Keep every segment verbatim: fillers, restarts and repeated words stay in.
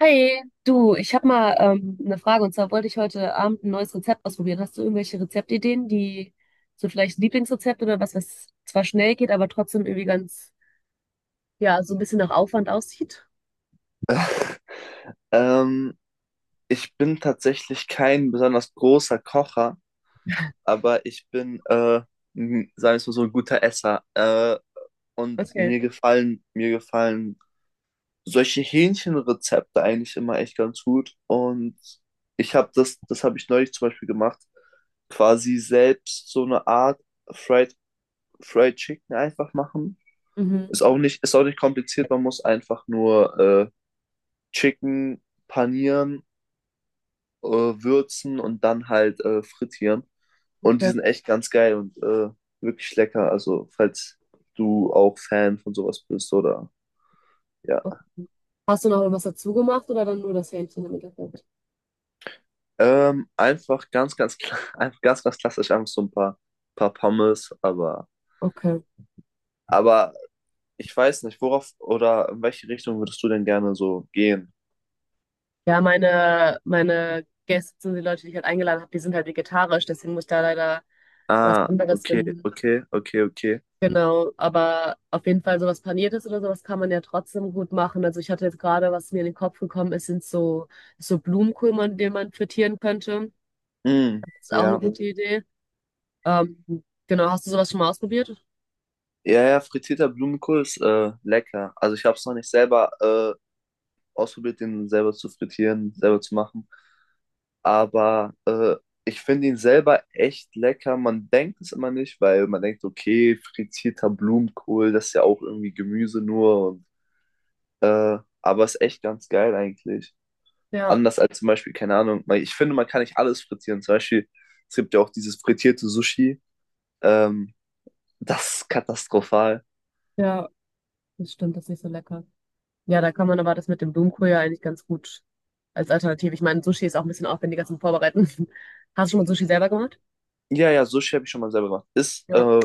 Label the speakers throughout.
Speaker 1: Hi, du, ich habe mal ähm, eine Frage und zwar wollte ich heute Abend ein neues Rezept ausprobieren. Hast du irgendwelche Rezeptideen, die so vielleicht Lieblingsrezept oder was, was zwar schnell geht, aber trotzdem irgendwie ganz, ja, so ein bisschen nach Aufwand aussieht?
Speaker 2: Ähm, ich bin tatsächlich kein besonders großer Kocher, aber ich bin, äh, m- sagen wir es mal so, ein guter Esser. Äh, und
Speaker 1: Okay.
Speaker 2: mir gefallen, mir gefallen solche Hähnchenrezepte eigentlich immer echt ganz gut. Und ich habe das, das habe ich neulich zum Beispiel gemacht, quasi selbst so eine Art Fried, Fried Chicken einfach machen.
Speaker 1: Mhm.
Speaker 2: Ist auch nicht, ist auch nicht kompliziert, man muss einfach nur äh, Chicken panieren, äh, würzen und dann halt äh, frittieren. Und die
Speaker 1: Okay.
Speaker 2: sind echt ganz geil und äh, wirklich lecker. Also, falls du auch Fan von sowas bist oder ja.
Speaker 1: Okay. Hast du noch irgendwas dazu gemacht oder dann nur das Hähnchen im Endeffekt?
Speaker 2: Ähm, einfach ganz, ganz, kla- einfach ganz, ganz klassisch, einfach so ein paar, paar Pommes, aber,
Speaker 1: Okay.
Speaker 2: aber ich weiß nicht, worauf oder in welche Richtung würdest du denn gerne so gehen?
Speaker 1: Ja, meine, meine Gäste, die Leute, die ich halt eingeladen habe, die sind halt vegetarisch, deswegen muss ich da leider was
Speaker 2: Ah,
Speaker 1: anderes
Speaker 2: okay,
Speaker 1: finden.
Speaker 2: okay, okay, okay.
Speaker 1: Genau, aber auf jeden Fall sowas Paniertes oder sowas kann man ja trotzdem gut machen. Also ich hatte jetzt gerade, was mir in den Kopf gekommen ist, sind so, so Blumenkohl, man, den man frittieren könnte.
Speaker 2: Mm,
Speaker 1: Ist auch eine
Speaker 2: ja.
Speaker 1: gute, mhm, Idee. Ähm, genau, hast du sowas schon mal ausprobiert?
Speaker 2: Ja, ja, frittierter Blumenkohl ist äh, lecker. Also ich habe es noch nicht selber äh, ausprobiert, den selber zu frittieren, selber zu machen. Aber äh, ich finde ihn selber echt lecker. Man denkt es immer nicht, weil man denkt, okay, frittierter Blumenkohl, das ist ja auch irgendwie Gemüse nur. Und, äh, aber ist echt ganz geil eigentlich.
Speaker 1: Ja,
Speaker 2: Anders als zum Beispiel, keine Ahnung, weil ich finde, man kann nicht alles frittieren. Zum Beispiel, es gibt ja auch dieses frittierte Sushi. Ähm, Das ist katastrophal.
Speaker 1: ja, das stimmt, das ist nicht so lecker. Ja, da kann man aber das mit dem Blumenkohl ja eigentlich ganz gut als Alternative. Ich meine, Sushi ist auch ein bisschen aufwendiger zum Vorbereiten. Hast du schon mal Sushi selber gemacht?
Speaker 2: Ja, ja, Sushi habe ich schon mal selber gemacht. Ist
Speaker 1: Ja,
Speaker 2: äh,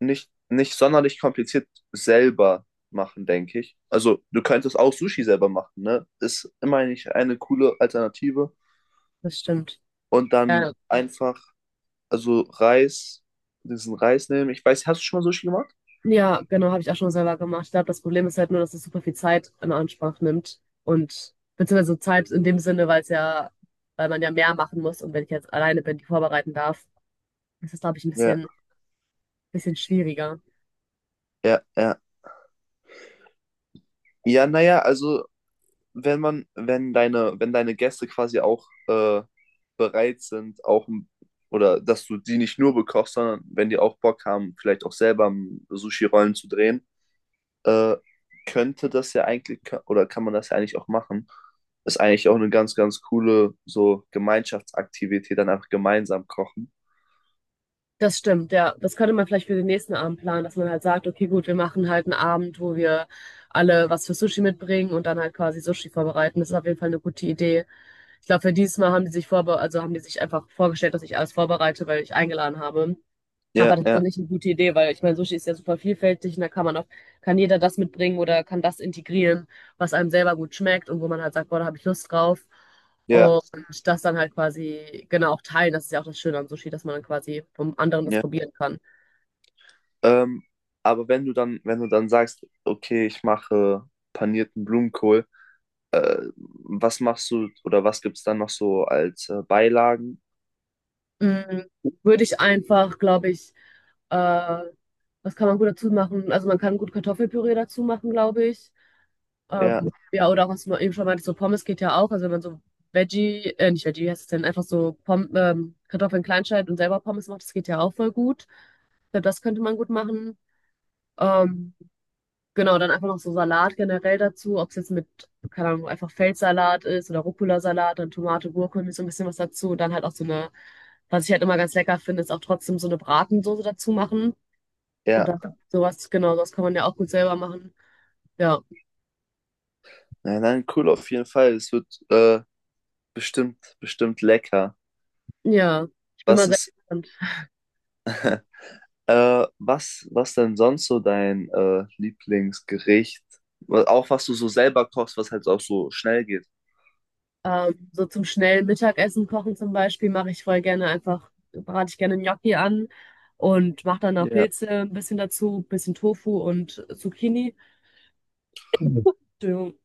Speaker 2: nicht, nicht sonderlich kompliziert selber machen, denke ich. Also, du könntest auch Sushi selber machen, ne? Ist immerhin nicht eine coole Alternative.
Speaker 1: das stimmt.
Speaker 2: Und dann
Speaker 1: Ja,
Speaker 2: einfach, also Reis, diesen Reis nehmen. Ich weiß, hast du schon mal Sushi gemacht?
Speaker 1: ja, genau, habe ich auch schon selber gemacht. Ich glaube, das Problem ist halt nur, dass es super viel Zeit in Anspruch nimmt und beziehungsweise Zeit in dem Sinne, weil es ja, weil man ja mehr machen muss und wenn ich jetzt alleine bin, die vorbereiten darf, ist das, glaube ich, ein
Speaker 2: Ja,
Speaker 1: bisschen, bisschen schwieriger.
Speaker 2: ja, ja. Ja, naja, also, wenn man, wenn deine, wenn deine Gäste quasi auch äh, bereit sind, auch ein- oder dass du die nicht nur bekochst, sondern wenn die auch Bock haben, vielleicht auch selber m, Sushi-Rollen zu drehen, äh, könnte das ja eigentlich, ka- oder kann man das ja eigentlich auch machen. Ist eigentlich auch eine ganz, ganz coole so Gemeinschaftsaktivität, dann einfach gemeinsam kochen.
Speaker 1: Das stimmt, ja. Das könnte man vielleicht für den nächsten Abend planen, dass man halt sagt, okay, gut, wir machen halt einen Abend, wo wir alle was für Sushi mitbringen und dann halt quasi Sushi vorbereiten. Das ist auf jeden Fall eine gute Idee. Ich glaube, für dieses Mal haben die sich vorbe, also haben die sich einfach vorgestellt, dass ich alles vorbereite, weil ich eingeladen habe. Aber
Speaker 2: Ja,
Speaker 1: das ist doch
Speaker 2: ja,
Speaker 1: nicht eine gute Idee, weil ich meine, Sushi ist ja super vielfältig und da kann man auch, kann jeder das mitbringen oder kann das integrieren, was einem selber gut schmeckt und wo man halt sagt, boah, da habe ich Lust drauf.
Speaker 2: ja,
Speaker 1: Und das dann halt quasi, genau, auch teilen. Das ist ja auch das Schöne am Sushi, dass man dann quasi vom anderen das
Speaker 2: ja.
Speaker 1: probieren kann.
Speaker 2: Ähm, aber wenn du dann, wenn du dann sagst, okay, ich mache panierten Blumenkohl, äh, was machst du oder was gibt's dann noch so als äh, Beilagen?
Speaker 1: Mm, würde ich einfach, glaube ich, äh, was kann man gut dazu machen? Also man kann gut Kartoffelpüree dazu machen, glaube ich.
Speaker 2: Ja,
Speaker 1: Ähm, ja, oder auch, was man eben schon meinte, so Pommes geht ja auch. Also wenn man so Veggie, äh, nicht Veggie, wie heißt es denn, einfach so Pom ähm, Kartoffeln klein schneidet und selber Pommes macht, das geht ja auch voll gut. Ich glaube, das könnte man gut machen. Ähm, genau, dann einfach noch so Salat generell dazu, ob es jetzt mit, keine Ahnung, einfach Feldsalat ist oder Rucola-Salat, dann Tomate, Gurke, irgendwie so ein bisschen was dazu. Und dann halt auch so eine, was ich halt immer ganz lecker finde, ist auch trotzdem so eine Bratensoße dazu machen.
Speaker 2: ja.
Speaker 1: Oder sowas, genau, sowas kann man ja auch gut selber machen. Ja,
Speaker 2: Nein, nein, cool auf jeden Fall. Es wird äh, bestimmt, bestimmt lecker.
Speaker 1: ja. Ich bin mal
Speaker 2: Was
Speaker 1: sehr.
Speaker 2: ist Äh, was, was denn sonst so dein äh, Lieblingsgericht? Wa- Auch was du so selber kochst, was halt auch so schnell geht.
Speaker 1: Ähm, so zum schnellen Mittagessen kochen zum Beispiel mache ich voll gerne einfach, brate ich gerne Gnocchi an und mache dann noch
Speaker 2: Ja,
Speaker 1: Pilze ein bisschen dazu, bisschen Tofu und Zucchini. Entschuldigung.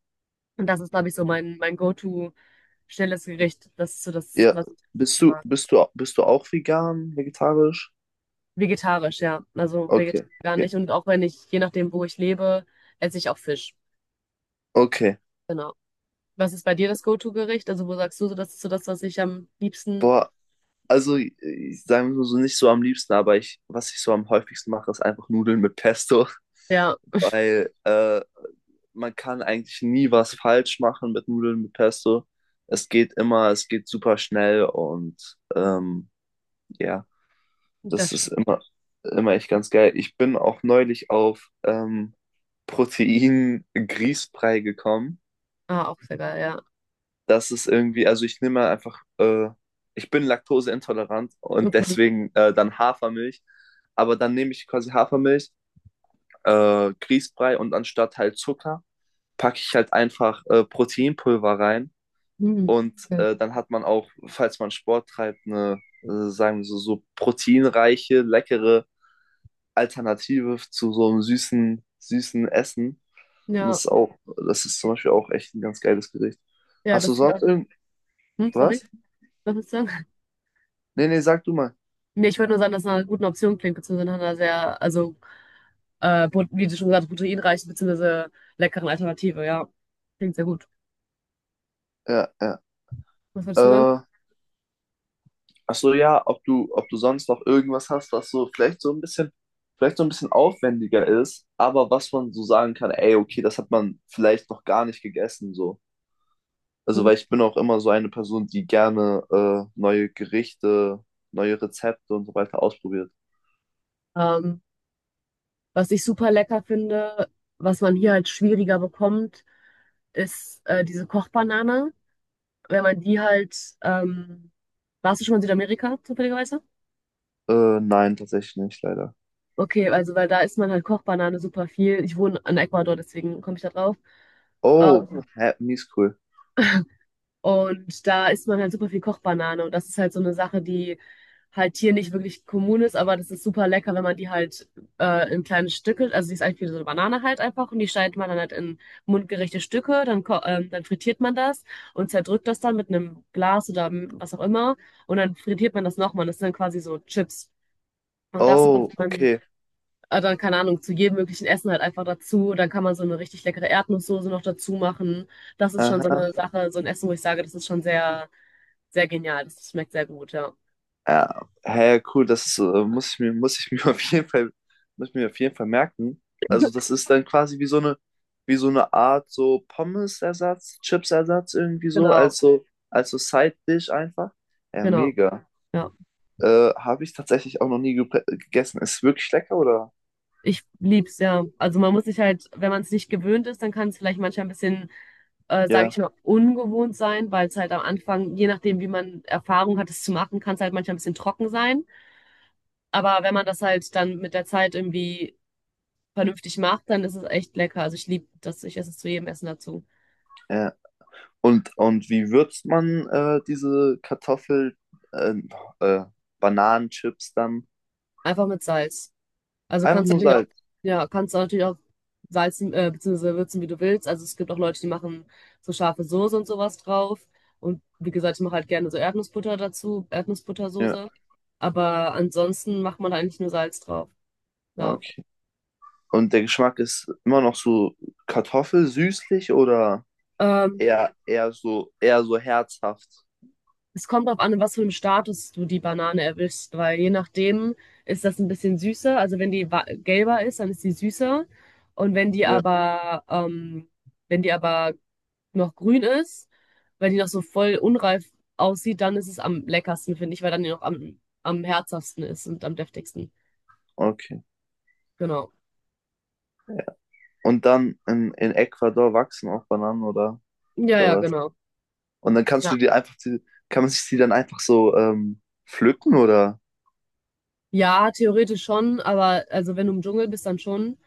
Speaker 1: Und das ist, glaube ich, so mein, mein Go-to schnelles Gericht. Das ist so das,
Speaker 2: ja.
Speaker 1: was ich am
Speaker 2: Bist
Speaker 1: liebsten
Speaker 2: du,
Speaker 1: mag.
Speaker 2: bist du, bist du auch vegan, vegetarisch?
Speaker 1: Vegetarisch, ja. Also vegetarisch
Speaker 2: Okay,
Speaker 1: gar
Speaker 2: okay,
Speaker 1: nicht. Und auch wenn ich, je nachdem, wo ich lebe, esse ich auch Fisch.
Speaker 2: okay.
Speaker 1: Genau. Was ist bei dir das Go-to-Gericht? Also wo sagst du so, das ist so das, was ich am liebsten,
Speaker 2: Boah, also ich, ich sage mal so nicht so am liebsten, aber ich, was ich so am häufigsten mache, ist einfach Nudeln mit Pesto,
Speaker 1: ja,
Speaker 2: weil äh, man kann eigentlich nie was falsch machen mit Nudeln mit Pesto. Es geht immer, es geht super schnell und ähm, ja. Das
Speaker 1: das
Speaker 2: ist
Speaker 1: stimmt.
Speaker 2: immer, immer echt ganz geil. Ich bin auch neulich auf ähm, Protein-Grießbrei gekommen.
Speaker 1: Ah, auch sehr geil, ja.
Speaker 2: Das ist irgendwie, also ich nehme einfach, äh, ich bin laktoseintolerant und
Speaker 1: Okay.
Speaker 2: deswegen äh, dann Hafermilch. Aber dann nehme ich quasi Hafermilch, äh, Grießbrei und anstatt halt Zucker packe ich halt einfach äh, Proteinpulver rein.
Speaker 1: Hm.
Speaker 2: Und
Speaker 1: Okay.
Speaker 2: äh, dann hat man auch, falls man Sport treibt, eine, äh, sagen wir so, so proteinreiche, leckere Alternative zu so einem süßen, süßen Essen. Und das
Speaker 1: Ja,
Speaker 2: ist auch, das ist zum Beispiel auch echt ein ganz geiles Gericht.
Speaker 1: ja,
Speaker 2: Hast du
Speaker 1: das klingt auch.
Speaker 2: sonst
Speaker 1: Hm,
Speaker 2: irgendwas?
Speaker 1: sorry, was willst du sagen?
Speaker 2: Nee, nee, sag du mal.
Speaker 1: Nee, ich wollte nur sagen, dass es nach einer guten Option klingt, beziehungsweise nach einer sehr, also, äh, pro- wie du schon gesagt hast, proteinreichen, beziehungsweise leckeren Alternative, ja. Klingt sehr gut.
Speaker 2: Ja, ja.
Speaker 1: Was würdest du sagen?
Speaker 2: Äh, Ach so, ja, ob du, ob du sonst noch irgendwas hast, was so vielleicht so ein bisschen, vielleicht so ein bisschen aufwendiger ist, aber was man so sagen kann, ey, okay, das hat man vielleicht noch gar nicht gegessen, so. Also,
Speaker 1: Mhm.
Speaker 2: weil ich bin auch immer so eine Person, die gerne äh, neue Gerichte, neue Rezepte und so weiter ausprobiert.
Speaker 1: Ähm, Was ich super lecker finde, was man hier halt schwieriger bekommt, ist äh, diese Kochbanane. Wenn man die halt, ähm, warst du schon mal in Südamerika, zufälligerweise?
Speaker 2: Äh, nein, tatsächlich nicht, leider.
Speaker 1: Okay, also weil da isst man halt Kochbanane super viel. Ich wohne in Ecuador, deswegen komme ich da drauf.
Speaker 2: Oh,
Speaker 1: Ähm,
Speaker 2: hä, mies cool.
Speaker 1: Und da isst man halt super viel Kochbanane. Und das ist halt so eine Sache, die halt hier nicht wirklich kommun ist, aber das ist super lecker, wenn man die halt äh, in kleine Stücke, also die ist eigentlich wie so eine Banane halt einfach, und die schneidet man dann halt in mundgerechte Stücke, dann, ko- ähm, dann frittiert man das und zerdrückt das dann mit einem Glas oder m- was auch immer. Und dann frittiert man das nochmal. Das sind dann quasi so Chips. Und das macht
Speaker 2: Oh,
Speaker 1: man
Speaker 2: okay.
Speaker 1: äh, dann, keine Ahnung, zu jedem möglichen Essen halt einfach dazu. Dann kann man so eine richtig leckere Erdnusssoße noch dazu machen. Das ist schon so
Speaker 2: Aha.
Speaker 1: eine Sache, so ein Essen, wo ich sage, das ist schon sehr. Sehr genial, das schmeckt sehr gut, ja.
Speaker 2: Ja, hä, cool. Das äh, muss ich mir, Muss ich mir auf jeden Fall, muss ich mir auf jeden Fall merken. Also das ist dann quasi wie so eine, wie so eine Art so Pommes-Ersatz, Chips-Ersatz irgendwie so,
Speaker 1: Genau,
Speaker 2: als so, als so Side-Dish einfach. Ja,
Speaker 1: genau,
Speaker 2: mega.
Speaker 1: ja.
Speaker 2: Äh, habe ich tatsächlich auch noch nie gepre- gegessen. Ist wirklich lecker, oder?
Speaker 1: Ich lieb's, ja. Also man muss sich halt, wenn man es nicht gewöhnt ist, dann kann es vielleicht manchmal ein bisschen, äh, sage
Speaker 2: Ja,
Speaker 1: ich mal, ungewohnt sein, weil es halt am Anfang, je nachdem, wie man Erfahrung hat, es zu machen, kann es halt manchmal ein bisschen trocken sein. Aber wenn man das halt dann mit der Zeit irgendwie vernünftig macht, dann ist es echt lecker. Also ich liebe das, ich esse es zu jedem Essen dazu.
Speaker 2: ja. Und, und wie würzt man äh, diese Kartoffel, äh, äh, Bananenchips dann?
Speaker 1: Einfach mit Salz. Also
Speaker 2: Einfach
Speaker 1: kannst du
Speaker 2: nur
Speaker 1: natürlich auch,
Speaker 2: Salz.
Speaker 1: ja, kannst du natürlich auch salzen, äh, beziehungsweise würzen, wie du willst. Also es gibt auch Leute, die machen so scharfe Soße und sowas drauf. Und wie gesagt, ich mache halt gerne so Erdnussbutter dazu,
Speaker 2: Ja,
Speaker 1: Erdnussbuttersoße. Aber ansonsten macht man eigentlich nur Salz drauf.
Speaker 2: ah,
Speaker 1: Ja.
Speaker 2: okay. Und der Geschmack ist immer noch so Kartoffel, süßlich oder
Speaker 1: Ähm,
Speaker 2: eher, eher so, eher so herzhaft?
Speaker 1: Es kommt darauf an, in was für einem Status du die Banane erwischst, weil je nachdem ist das ein bisschen süßer. Also wenn die wa- gelber ist, dann ist die süßer. Und wenn die
Speaker 2: Ja.
Speaker 1: aber, ähm, wenn die aber noch grün ist, weil die noch so voll unreif aussieht, dann ist es am leckersten, finde ich, weil dann die noch am, am herzhaftesten ist und am deftigsten.
Speaker 2: Okay.
Speaker 1: Genau.
Speaker 2: Und dann in, in Ecuador wachsen auch Bananen oder,
Speaker 1: Ja,
Speaker 2: oder
Speaker 1: ja,
Speaker 2: was?
Speaker 1: genau.
Speaker 2: Und dann kannst
Speaker 1: Ja.
Speaker 2: du die einfach, die, kann man sich die dann einfach so ähm, pflücken oder?
Speaker 1: Ja, theoretisch schon, aber also wenn du im Dschungel bist, dann schon.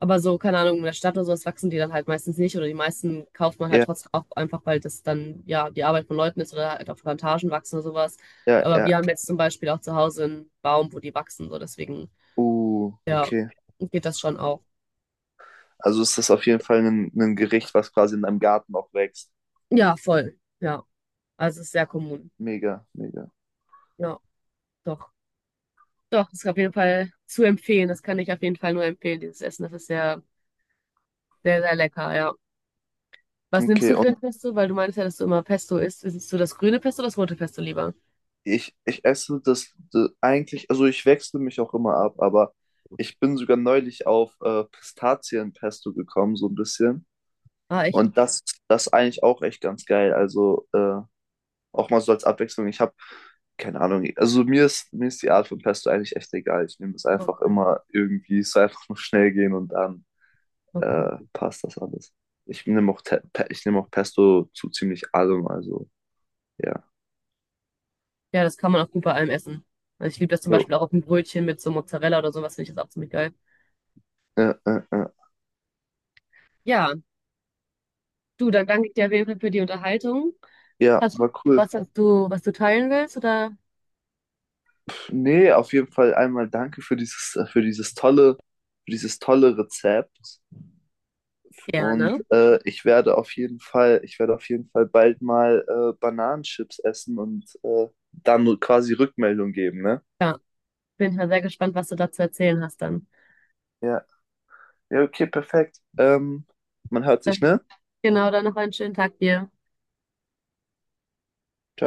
Speaker 1: Aber so, keine Ahnung, in der Stadt oder sowas wachsen die dann halt meistens nicht oder die meisten kauft man halt
Speaker 2: Ja,
Speaker 1: trotzdem auch einfach, weil das dann ja die Arbeit von Leuten ist oder halt auf Plantagen wachsen oder sowas.
Speaker 2: ja,
Speaker 1: Aber
Speaker 2: ja.
Speaker 1: wir haben jetzt zum Beispiel auch zu Hause einen Baum, wo die wachsen, so deswegen,
Speaker 2: Uh,
Speaker 1: ja,
Speaker 2: okay.
Speaker 1: geht das schon auch.
Speaker 2: Also ist das auf jeden Fall ein, ein Gericht, was quasi in deinem Garten auch wächst.
Speaker 1: Ja, voll. Ja. Also es ist sehr kommun.
Speaker 2: Mega, mega.
Speaker 1: Ja, doch. Doch, das ist auf jeden Fall zu empfehlen. Das kann ich auf jeden Fall nur empfehlen, dieses Essen. Das ist sehr, sehr, sehr lecker, ja. Was nimmst
Speaker 2: Okay,
Speaker 1: du für
Speaker 2: und
Speaker 1: ein Pesto? Weil du meinst ja, dass du immer Pesto isst. Isst du das grüne Pesto oder das rote Pesto lieber?
Speaker 2: Ich, ich esse das, d- eigentlich, also ich wechsle mich auch immer ab, aber ich bin sogar neulich auf äh, Pistazienpesto gekommen, so ein bisschen.
Speaker 1: Ah, echt?
Speaker 2: Und das, das ist eigentlich auch echt ganz geil. Also äh, auch mal so als Abwechslung. Ich habe keine Ahnung, also mir ist, mir ist die Art von Pesto eigentlich echt egal. Ich nehme es einfach
Speaker 1: Okay.
Speaker 2: immer irgendwie, es soll einfach nur schnell gehen und dann äh,
Speaker 1: Okay.
Speaker 2: passt das alles. Ich nehme auch, Te- Pe- ich nehme auch Pesto zu ziemlich allem, also ja.
Speaker 1: Ja, das kann man auch gut bei allem essen. Also ich liebe das zum
Speaker 2: Jo.
Speaker 1: Beispiel auch auf ein Brötchen mit so Mozzarella oder sowas, finde ich das auch ziemlich geil.
Speaker 2: Äh, äh, äh.
Speaker 1: Ja, du, dann danke ich dir auf jeden Fall für die Unterhaltung.
Speaker 2: Ja,
Speaker 1: Hast du
Speaker 2: war cool.
Speaker 1: was, was du, was du teilen willst oder?
Speaker 2: Nee, auf jeden Fall einmal danke für dieses, für dieses tolle, für dieses tolle Rezept. Und
Speaker 1: Gerne.
Speaker 2: äh, ich werde auf jeden Fall, ich werde auf jeden Fall bald mal äh, Bananenchips essen und äh, dann quasi Rückmeldung geben, ne?
Speaker 1: Ja, bin ich mal sehr gespannt, was du da zu erzählen hast dann.
Speaker 2: Ja. Ja, okay, perfekt. Ähm, man hört sich, ne?
Speaker 1: Genau, dann noch einen schönen Tag dir.